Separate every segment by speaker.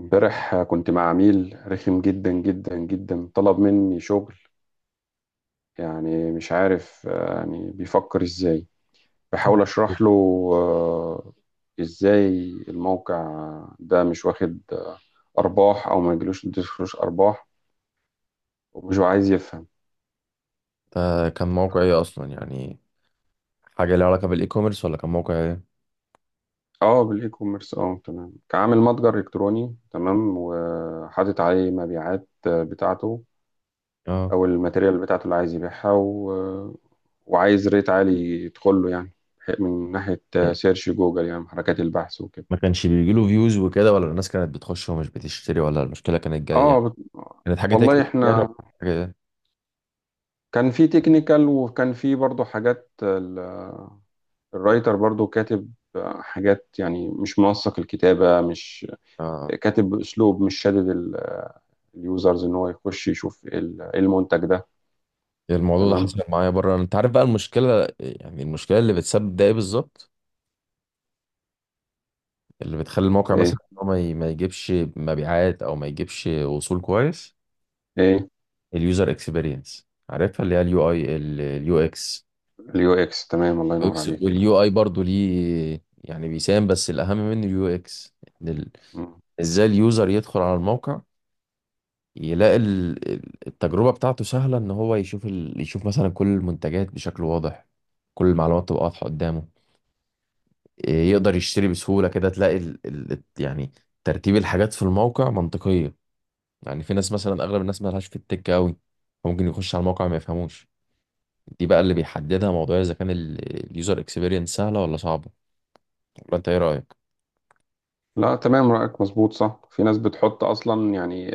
Speaker 1: امبارح كنت مع عميل رخم جدا جدا جدا طلب مني شغل. يعني مش عارف، يعني بيفكر ازاي.
Speaker 2: كان
Speaker 1: بحاول اشرح له. آه، ازاي الموقع ده مش واخد ارباح او ما يجيلوش يدخلوش ارباح، ومش هو عايز يفهم.
Speaker 2: كان موقع ايه اصلا يعني، حاجه ليها علاقه بالاي كوميرس ولا كان موقع ايه؟
Speaker 1: اه، بالاي كوميرس. اه، تمام، كعامل متجر الكتروني تمام، وحاطط عليه مبيعات بتاعته.
Speaker 2: اه،
Speaker 1: او الماتيريال بتاعته اللي عايز يبيعها، وعايز ريت عالي يدخل له يعني، من ناحية سيرش جوجل، يعني حركات البحث وكده.
Speaker 2: ما كانش بيجي له فيوز وكده، ولا الناس كانت بتخش ومش بتشتري، ولا المشكله كانت جايه
Speaker 1: اه،
Speaker 2: يعني، كانت حاجه
Speaker 1: والله
Speaker 2: تكتب يعني.
Speaker 1: احنا
Speaker 2: حاجه ايه؟
Speaker 1: كان في تكنيكال، وكان في برضو حاجات الرايتر برضو كاتب حاجات، يعني مش منسق الكتابة، مش
Speaker 2: اه.
Speaker 1: كاتب بأسلوب مش شادد اليوزرز ان هو يخش يشوف ايه إيه المنتج ده.
Speaker 2: إيه الموضوع ده
Speaker 1: تمام.
Speaker 2: حصل معايا بره، انت عارف بقى المشكله، يعني المشكله اللي بتسبب ده ايه بالظبط، اللي بتخلي الموقع
Speaker 1: ايه،
Speaker 2: مثلا إن هو ما يجيبش مبيعات او ما يجيبش وصول كويس؟
Speaker 1: ايه.
Speaker 2: اليوزر اكسبيرينس، عارفها اللي هي اليو اي اليو اكس،
Speaker 1: اليو اكس، تمام، الله ينور
Speaker 2: UX.
Speaker 1: عليك.
Speaker 2: واليو اي برضو ليه يعني، بيساهم، بس الاهم منه اليو اكس. إن
Speaker 1: مم.
Speaker 2: ازاي اليوزر يدخل على الموقع، يلاقي التجربة بتاعته سهلة، ان هو يشوف يشوف مثلا كل المنتجات بشكل واضح، كل المعلومات تبقى واضحة قدامه، إيه، يقدر يشتري بسهولة، كده تلاقي يعني ترتيب الحاجات في الموقع منطقية. يعني في ناس مثلا، اغلب الناس مالهاش في التك قوي، فممكن يخش على الموقع ما يفهموش. دي بقى اللي بيحددها، موضوع اذا كان اليوزر اكسبيرينس سهلة ولا صعبة، ولا انت ايه رأيك؟
Speaker 1: لا، تمام، رأيك مظبوط صح. في ناس بتحط اصلا يعني،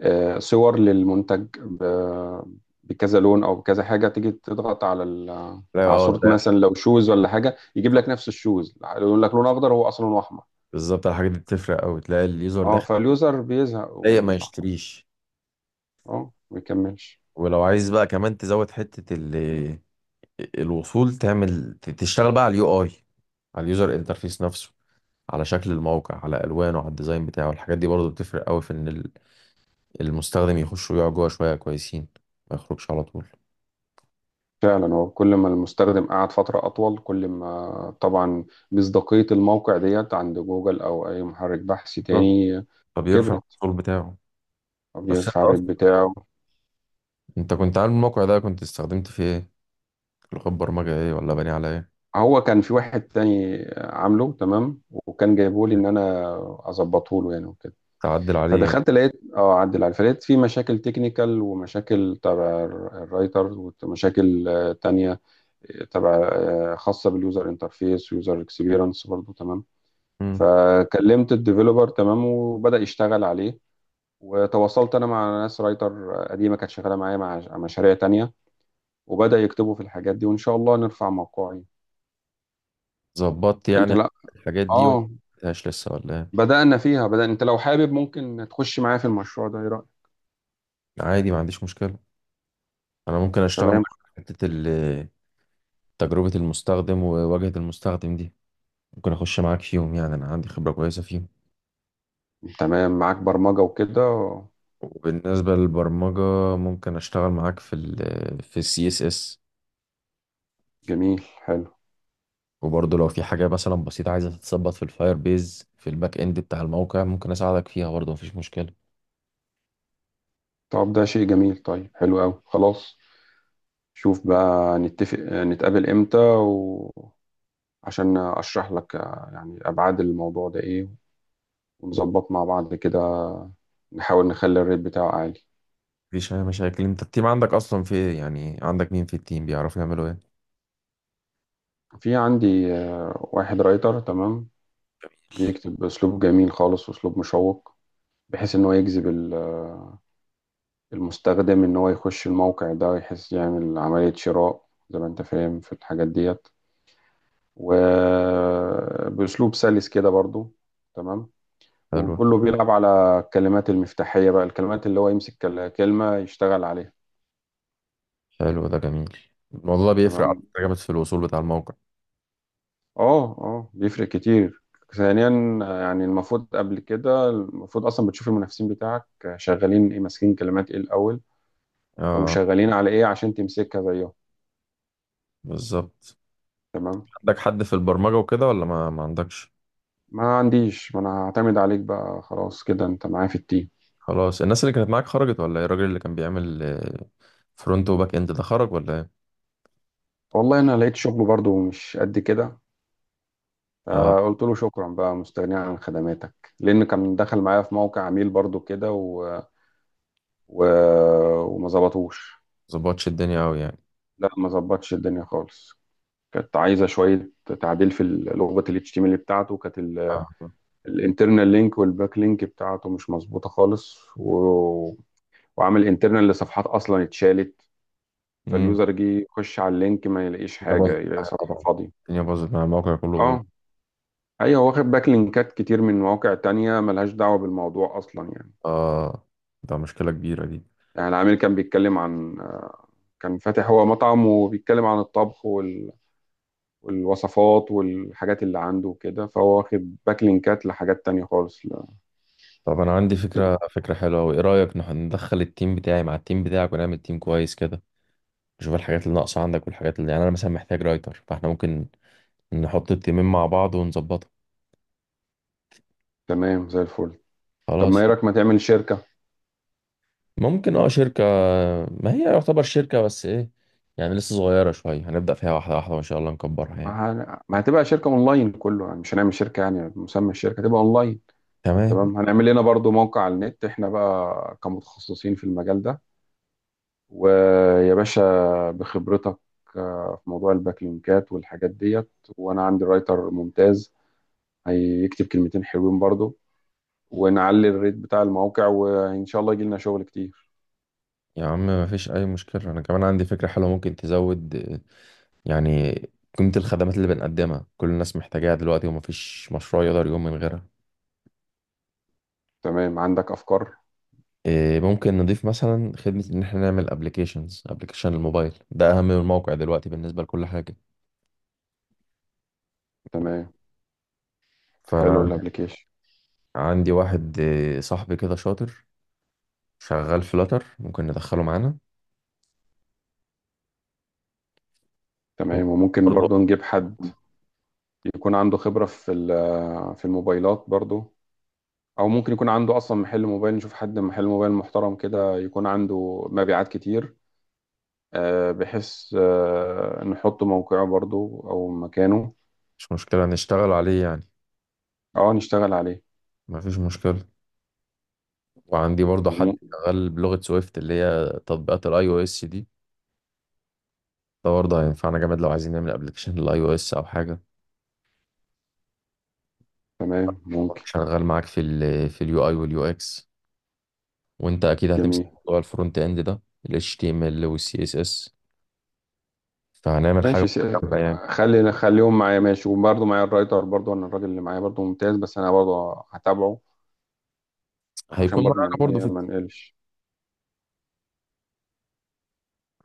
Speaker 1: صور للمنتج بكذا لون او بكذا حاجه، تيجي تضغط على
Speaker 2: لا
Speaker 1: على
Speaker 2: اه،
Speaker 1: صوره مثلا، لو شوز ولا حاجه، يجيب لك نفس الشوز يقول لك لون اخضر، هو اصلا لونه احمر.
Speaker 2: بالظبط، الحاجات دي بتفرق قوي، تلاقي اليوزر
Speaker 1: اه،
Speaker 2: داخل
Speaker 1: فاليوزر بيزهق
Speaker 2: ضايق ما
Speaker 1: ويطلع.
Speaker 2: يشتريش.
Speaker 1: اه، ما يكملش.
Speaker 2: ولو عايز بقى كمان تزود حتة الوصول، تعمل تشتغل بقى على اليو اي، على اليوزر انترفيس نفسه، على شكل الموقع، على الوانه، على الديزاين بتاعه، الحاجات دي برضه بتفرق قوي في ان المستخدم يخش ويقعد جوه شوية كويسين، ما يخرجش على طول.
Speaker 1: فعلا، هو كل ما المستخدم قعد فتره اطول، كل ما طبعا مصداقيه الموقع ديت عند جوجل او اي محرك بحث
Speaker 2: بالظبط،
Speaker 1: تاني
Speaker 2: فبيرفع
Speaker 1: كبرت.
Speaker 2: الوصول بتاعه. بس انت
Speaker 1: بيرفع الريت
Speaker 2: اصلا،
Speaker 1: بتاعه.
Speaker 2: انت كنت عامل الموقع ده، كنت استخدمت فيه ايه؟ لغة برمجة ايه، ولا بني على ايه؟
Speaker 1: هو كان في واحد تاني عامله تمام، وكان جايبه لي ان انا اظبطه له يعني وكده.
Speaker 2: تعدل عليه يعني.
Speaker 1: فدخلت لقيت، اعدل عليه، فلقيت في مشاكل تكنيكال ومشاكل تبع الرايتر، ومشاكل تانية، آه، تبع آه، خاصة باليوزر انترفيس ويوزر اكسبيرينس برضه، تمام.
Speaker 2: مم.
Speaker 1: فكلمت الديفيلوبر تمام، وبدأ يشتغل عليه. وتواصلت انا مع ناس رايتر قديمة كانت شغالة معايا، مع مشاريع تانية. وبدأ يكتبوا في الحاجات دي، وان شاء الله نرفع موقعي.
Speaker 2: ظبطت
Speaker 1: انت،
Speaker 2: يعني
Speaker 1: لا.
Speaker 2: الحاجات دي ولا
Speaker 1: اه،
Speaker 2: مش لسه ولا ايه؟
Speaker 1: بدأنا فيها، انت لو حابب ممكن تخش معايا في المشروع ده، ايه رأيك؟
Speaker 2: عادي، ما عنديش مشكلة. انا ممكن اشتغل معاك
Speaker 1: تمام.
Speaker 2: في حتة تجربة المستخدم وواجهة المستخدم دي، ممكن اخش معاك فيهم يعني، انا عندي خبرة كويسة فيهم.
Speaker 1: تمام، معاك برمجة وكده.
Speaker 2: وبالنسبة للبرمجة، ممكن اشتغل معاك في ال، في السي اس اس.
Speaker 1: جميل، حلو.
Speaker 2: وبرضه لو في حاجة مثلا بسيطة عايزة تتظبط في الفاير بيز، في الباك اند بتاع الموقع، ممكن اساعدك فيها برضه، مفيش مشكلة.
Speaker 1: طب ده شيء جميل، طيب، حلو قوي، خلاص. شوف بقى نتفق نتقابل امتى، وعشان اشرح لك يعني ابعاد الموضوع ده ايه، ونظبط مع بعض كده. نحاول نخلي الريت بتاعه عالي.
Speaker 2: مفيش اي مشاكل. انت التيم عندك اصلا في ايه يعني، عندك مين في التيم، بيعرفوا يعملوا ايه؟
Speaker 1: في عندي واحد رايتر تمام، بيكتب بأسلوب جميل خالص وأسلوب مشوق، بحيث إن هو يجذب المستخدم ان هو يخش الموقع ده، يحس يعمل عملية شراء، زي ما انت فاهم في الحاجات ديت، وبأسلوب سلس كده برضو، تمام.
Speaker 2: حلو.
Speaker 1: وكله بيلعب على الكلمات المفتاحية بقى، الكلمات اللي هو يمسك كلمة يشتغل عليها.
Speaker 2: حلو، ده جميل. الموضوع ده بيفرق على
Speaker 1: تمام.
Speaker 2: فكرة جامد في الوصول بتاع الموقع.
Speaker 1: اه، اه، بيفرق كتير. ثانيا، يعني المفروض قبل كده، المفروض اصلا بتشوف المنافسين بتاعك شغالين ايه، ماسكين كلمات ايه الاول،
Speaker 2: اه
Speaker 1: وشغالين على ايه عشان تمسكها زيهم.
Speaker 2: بالظبط.
Speaker 1: تمام.
Speaker 2: عندك حد في البرمجة وكده ولا ما عندكش؟
Speaker 1: ما عنديش. ما انا هعتمد عليك بقى، خلاص كده انت معايا في التيم.
Speaker 2: خلاص، الناس اللي كانت معاك خرجت ولا ايه؟ الراجل اللي كان بيعمل فرونت وباك اند ده خرج ولا ايه؟
Speaker 1: والله انا لقيت شغل برضو مش قد كده،
Speaker 2: اه.
Speaker 1: فقلت له شكرا بقى، مستغني عن خدماتك، لان كان دخل معايا في موقع عميل برضو كده، و... وما ظبطوش.
Speaker 2: ظبطش الدنيا قوي يعني؟
Speaker 1: لا، ما ظبطش الدنيا خالص. كانت عايزه شويه تعديل في لغه ال HTML بتاعته. كانت
Speaker 2: اه.
Speaker 1: الانترنال لينك والباك لينك بتاعته مش مظبوطه خالص، وعامل انترنال لصفحات اصلا اتشالت،
Speaker 2: امم
Speaker 1: فاليوزر جه يخش على اللينك ما يلاقيش
Speaker 2: الدنيا
Speaker 1: حاجة،
Speaker 2: باظت
Speaker 1: يلاقي
Speaker 2: معايا
Speaker 1: صفحة
Speaker 2: طبعا،
Speaker 1: فاضية.
Speaker 2: الدنيا باظت، مع الموقع كله باظ.
Speaker 1: اه. ايوه، واخد باك لينكات كتير من مواقع تانية ملهاش دعوة بالموضوع اصلا يعني.
Speaker 2: اه. ده مشكلة كبيرة دي.
Speaker 1: يعني العميل كان بيتكلم عن، كان فاتح هو مطعم، وبيتكلم عن الطبخ والوصفات والحاجات اللي عنده وكده، فهو واخد باك لينكات لحاجات تانية خالص لا.
Speaker 2: طب انا عندي فكرة حلوة، وايه رأيك ندخل التيم بتاعي مع التيم بتاعك، ونعمل تيم كويس كده، نشوف الحاجات اللي ناقصة عندك، والحاجات اللي يعني انا مثلا محتاج رايتر، فاحنا ممكن نحط التيمين مع بعض ونظبطها.
Speaker 1: تمام، زي الفل. طب ما
Speaker 2: خلاص.
Speaker 1: ايه رأيك ما تعمل شركة.
Speaker 2: ممكن اه، شركة. ما هي يعتبر شركة، بس ايه، يعني لسه صغيرة شوية، هنبدأ فيها واحدة واحدة، وان شاء الله نكبرها
Speaker 1: ما
Speaker 2: يعني.
Speaker 1: ما هتبقى شركة اونلاين كله يعني، مش هنعمل شركة يعني، مسمى الشركة هتبقى اونلاين.
Speaker 2: تمام
Speaker 1: تمام، هنعمل لنا برضو موقع على النت، احنا بقى كمتخصصين في المجال ده. ويا باشا، بخبرتك في موضوع الباك لينكات والحاجات ديت، وانا عندي رايتر ممتاز هيكتب كلمتين حلوين برضو، ونعلي الريت بتاع الموقع، وان شاء الله يجي لنا شغل كتير.
Speaker 2: يا عم، ما فيش اي مشكلة. انا كمان عندي فكرة حلوة، ممكن تزود يعني قيمة الخدمات اللي بنقدمها، كل الناس محتاجاها دلوقتي، وما فيش مشروع يقدر يقوم من غيرها.
Speaker 1: تمام، عندك افكار.
Speaker 2: إيه، ممكن نضيف مثلا خدمة ان احنا نعمل ابلكيشنز، ابلكيشن الموبايل ده اهم من الموقع دلوقتي بالنسبة لكل حاجة.
Speaker 1: تمام، حلو
Speaker 2: فانا
Speaker 1: الابليكيشن.
Speaker 2: عندي واحد صاحبي كده شاطر، شغال فلاتر، ممكن ندخله معانا.
Speaker 1: تمام، وممكن
Speaker 2: برضه
Speaker 1: برضو نجيب حد يكون عنده خبرة في في الموبايلات برضو. او ممكن يكون عنده اصلا محل موبايل، نشوف حد محل موبايل محترم كده يكون عنده مبيعات كتير، بحيث نحط موقعه برضو او مكانه.
Speaker 2: مش مشكلة نشتغل عليه يعني،
Speaker 1: اه، نشتغل عليه.
Speaker 2: مفيش مشكلة. وعندي برضه حد
Speaker 1: وم...
Speaker 2: شغال بلغة سويفت، اللي هي تطبيقات الاي او اس دي، ده برضه هينفعنا جامد لو عايزين نعمل ابلكيشن للاي او اس او حاجة.
Speaker 1: تمام، ممكن.
Speaker 2: شغال معاك في ال، في اليو اي واليو اكس، وانت اكيد هتمسك
Speaker 1: جميل.
Speaker 2: موضوع الفرونت اند ده، ال HTML وال CSS، فهنعمل حاجة
Speaker 1: ماشي،
Speaker 2: متكاملة يعني.
Speaker 1: خليهم معايا. ماشي، وبرضه معايا الرايتر برضه، انا الراجل اللي معايا برضه ممتاز، بس انا برضه هتابعه،
Speaker 2: هيكون
Speaker 1: عشان برضه
Speaker 2: معانا
Speaker 1: من
Speaker 2: برضه
Speaker 1: ايه
Speaker 2: في،
Speaker 1: ما نقلش.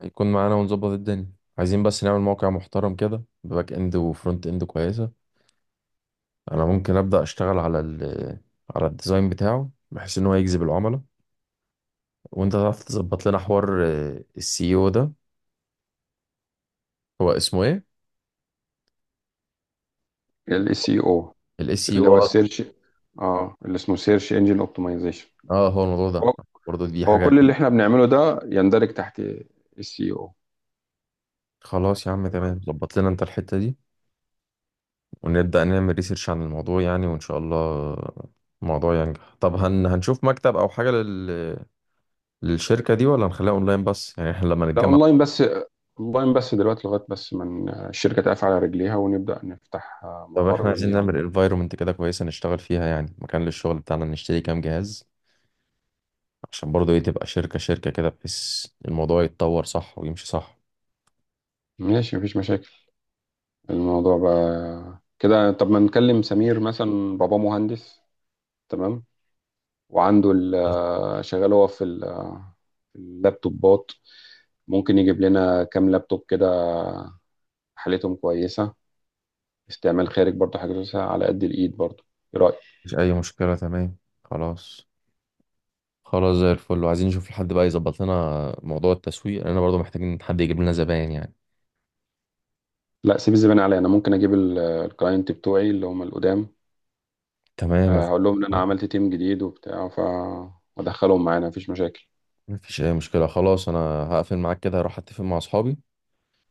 Speaker 2: هيكون معانا ونظبط الدنيا. عايزين بس نعمل موقع محترم كده، بباك اند وفرونت اند كويسة. انا ممكن ابدا اشتغل على ال، على الديزاين بتاعه، بحيث ان هو يجذب العملاء، وانت تعرف تظبط لنا حوار السي او ده. هو اسمه ايه،
Speaker 1: السي او،
Speaker 2: الاس سي
Speaker 1: اللي
Speaker 2: او؟
Speaker 1: هو
Speaker 2: اه.
Speaker 1: السيرش. اه، اللي اسمه سيرش انجن اوبتمايزيشن.
Speaker 2: آه، هو الموضوع ده برضه، دي
Speaker 1: هو
Speaker 2: حاجه.
Speaker 1: كل اللي احنا بنعمله ده يندرج تحت السي او.
Speaker 2: خلاص يا عم، تمام، ظبط لنا انت الحته دي، ونبدا نعمل ريسيرش عن الموضوع يعني، وان شاء الله الموضوع ينجح. طب هنشوف مكتب او حاجه للشركه دي، ولا هنخليها اونلاين بس يعني، احنا لما
Speaker 1: ده
Speaker 2: نتجمع؟
Speaker 1: اونلاين بس. اونلاين بس دلوقتي، لغايه بس من الشركه تقف على رجليها، ونبدا نفتح
Speaker 2: طب احنا
Speaker 1: مقر
Speaker 2: عايزين
Speaker 1: ليها
Speaker 2: نعمل
Speaker 1: وكده.
Speaker 2: انفايرومنت كده كويسه نشتغل فيها يعني، مكان للشغل بتاعنا، نشتري كام جهاز، عشان برضو ايه، تبقى شركة، شركة كده، بحيث الموضوع يتطور صح ويمشي صح.
Speaker 1: ماشي، مفيش مشاكل. الموضوع بقى كده، طب ما نكلم سمير مثلا، بابا مهندس، تمام، وعنده شغال هو في في اللابتوبات، ممكن يجيب لنا كام لابتوب كده حالتهم كويسه، استعمال خارج برضه حاجه كويسة على قد الايد برضه. ايه رايك؟
Speaker 2: مفيش أي مشكلة، تمام. خلاص. خلاص زي الفل. وعايزين نشوف لحد بقى يظبط لنا موضوع التسويق، لأننا برضو محتاجين حد يجيب لنا زباين يعني.
Speaker 1: لا، سيب الزبالة عليا، انا ممكن اجيب الكلاينت بتوعي اللي هم القدام،
Speaker 2: تمام
Speaker 1: هقول لهم ان انا عملت تيم جديد وبتاع، فادخلهم معانا، مفيش مشاكل.
Speaker 2: مفيش أي مشكلة، خلاص. أنا هقفل معاك كده، هروح أتفق مع أصحابي،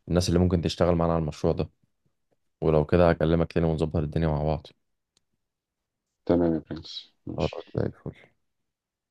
Speaker 2: الناس اللي ممكن تشتغل معانا على المشروع ده، ولو كده هكلمك تاني ونظبط الدنيا مع بعض.
Speaker 1: تمام يا برنس،
Speaker 2: خلاص
Speaker 1: ماشي.
Speaker 2: زي الفل.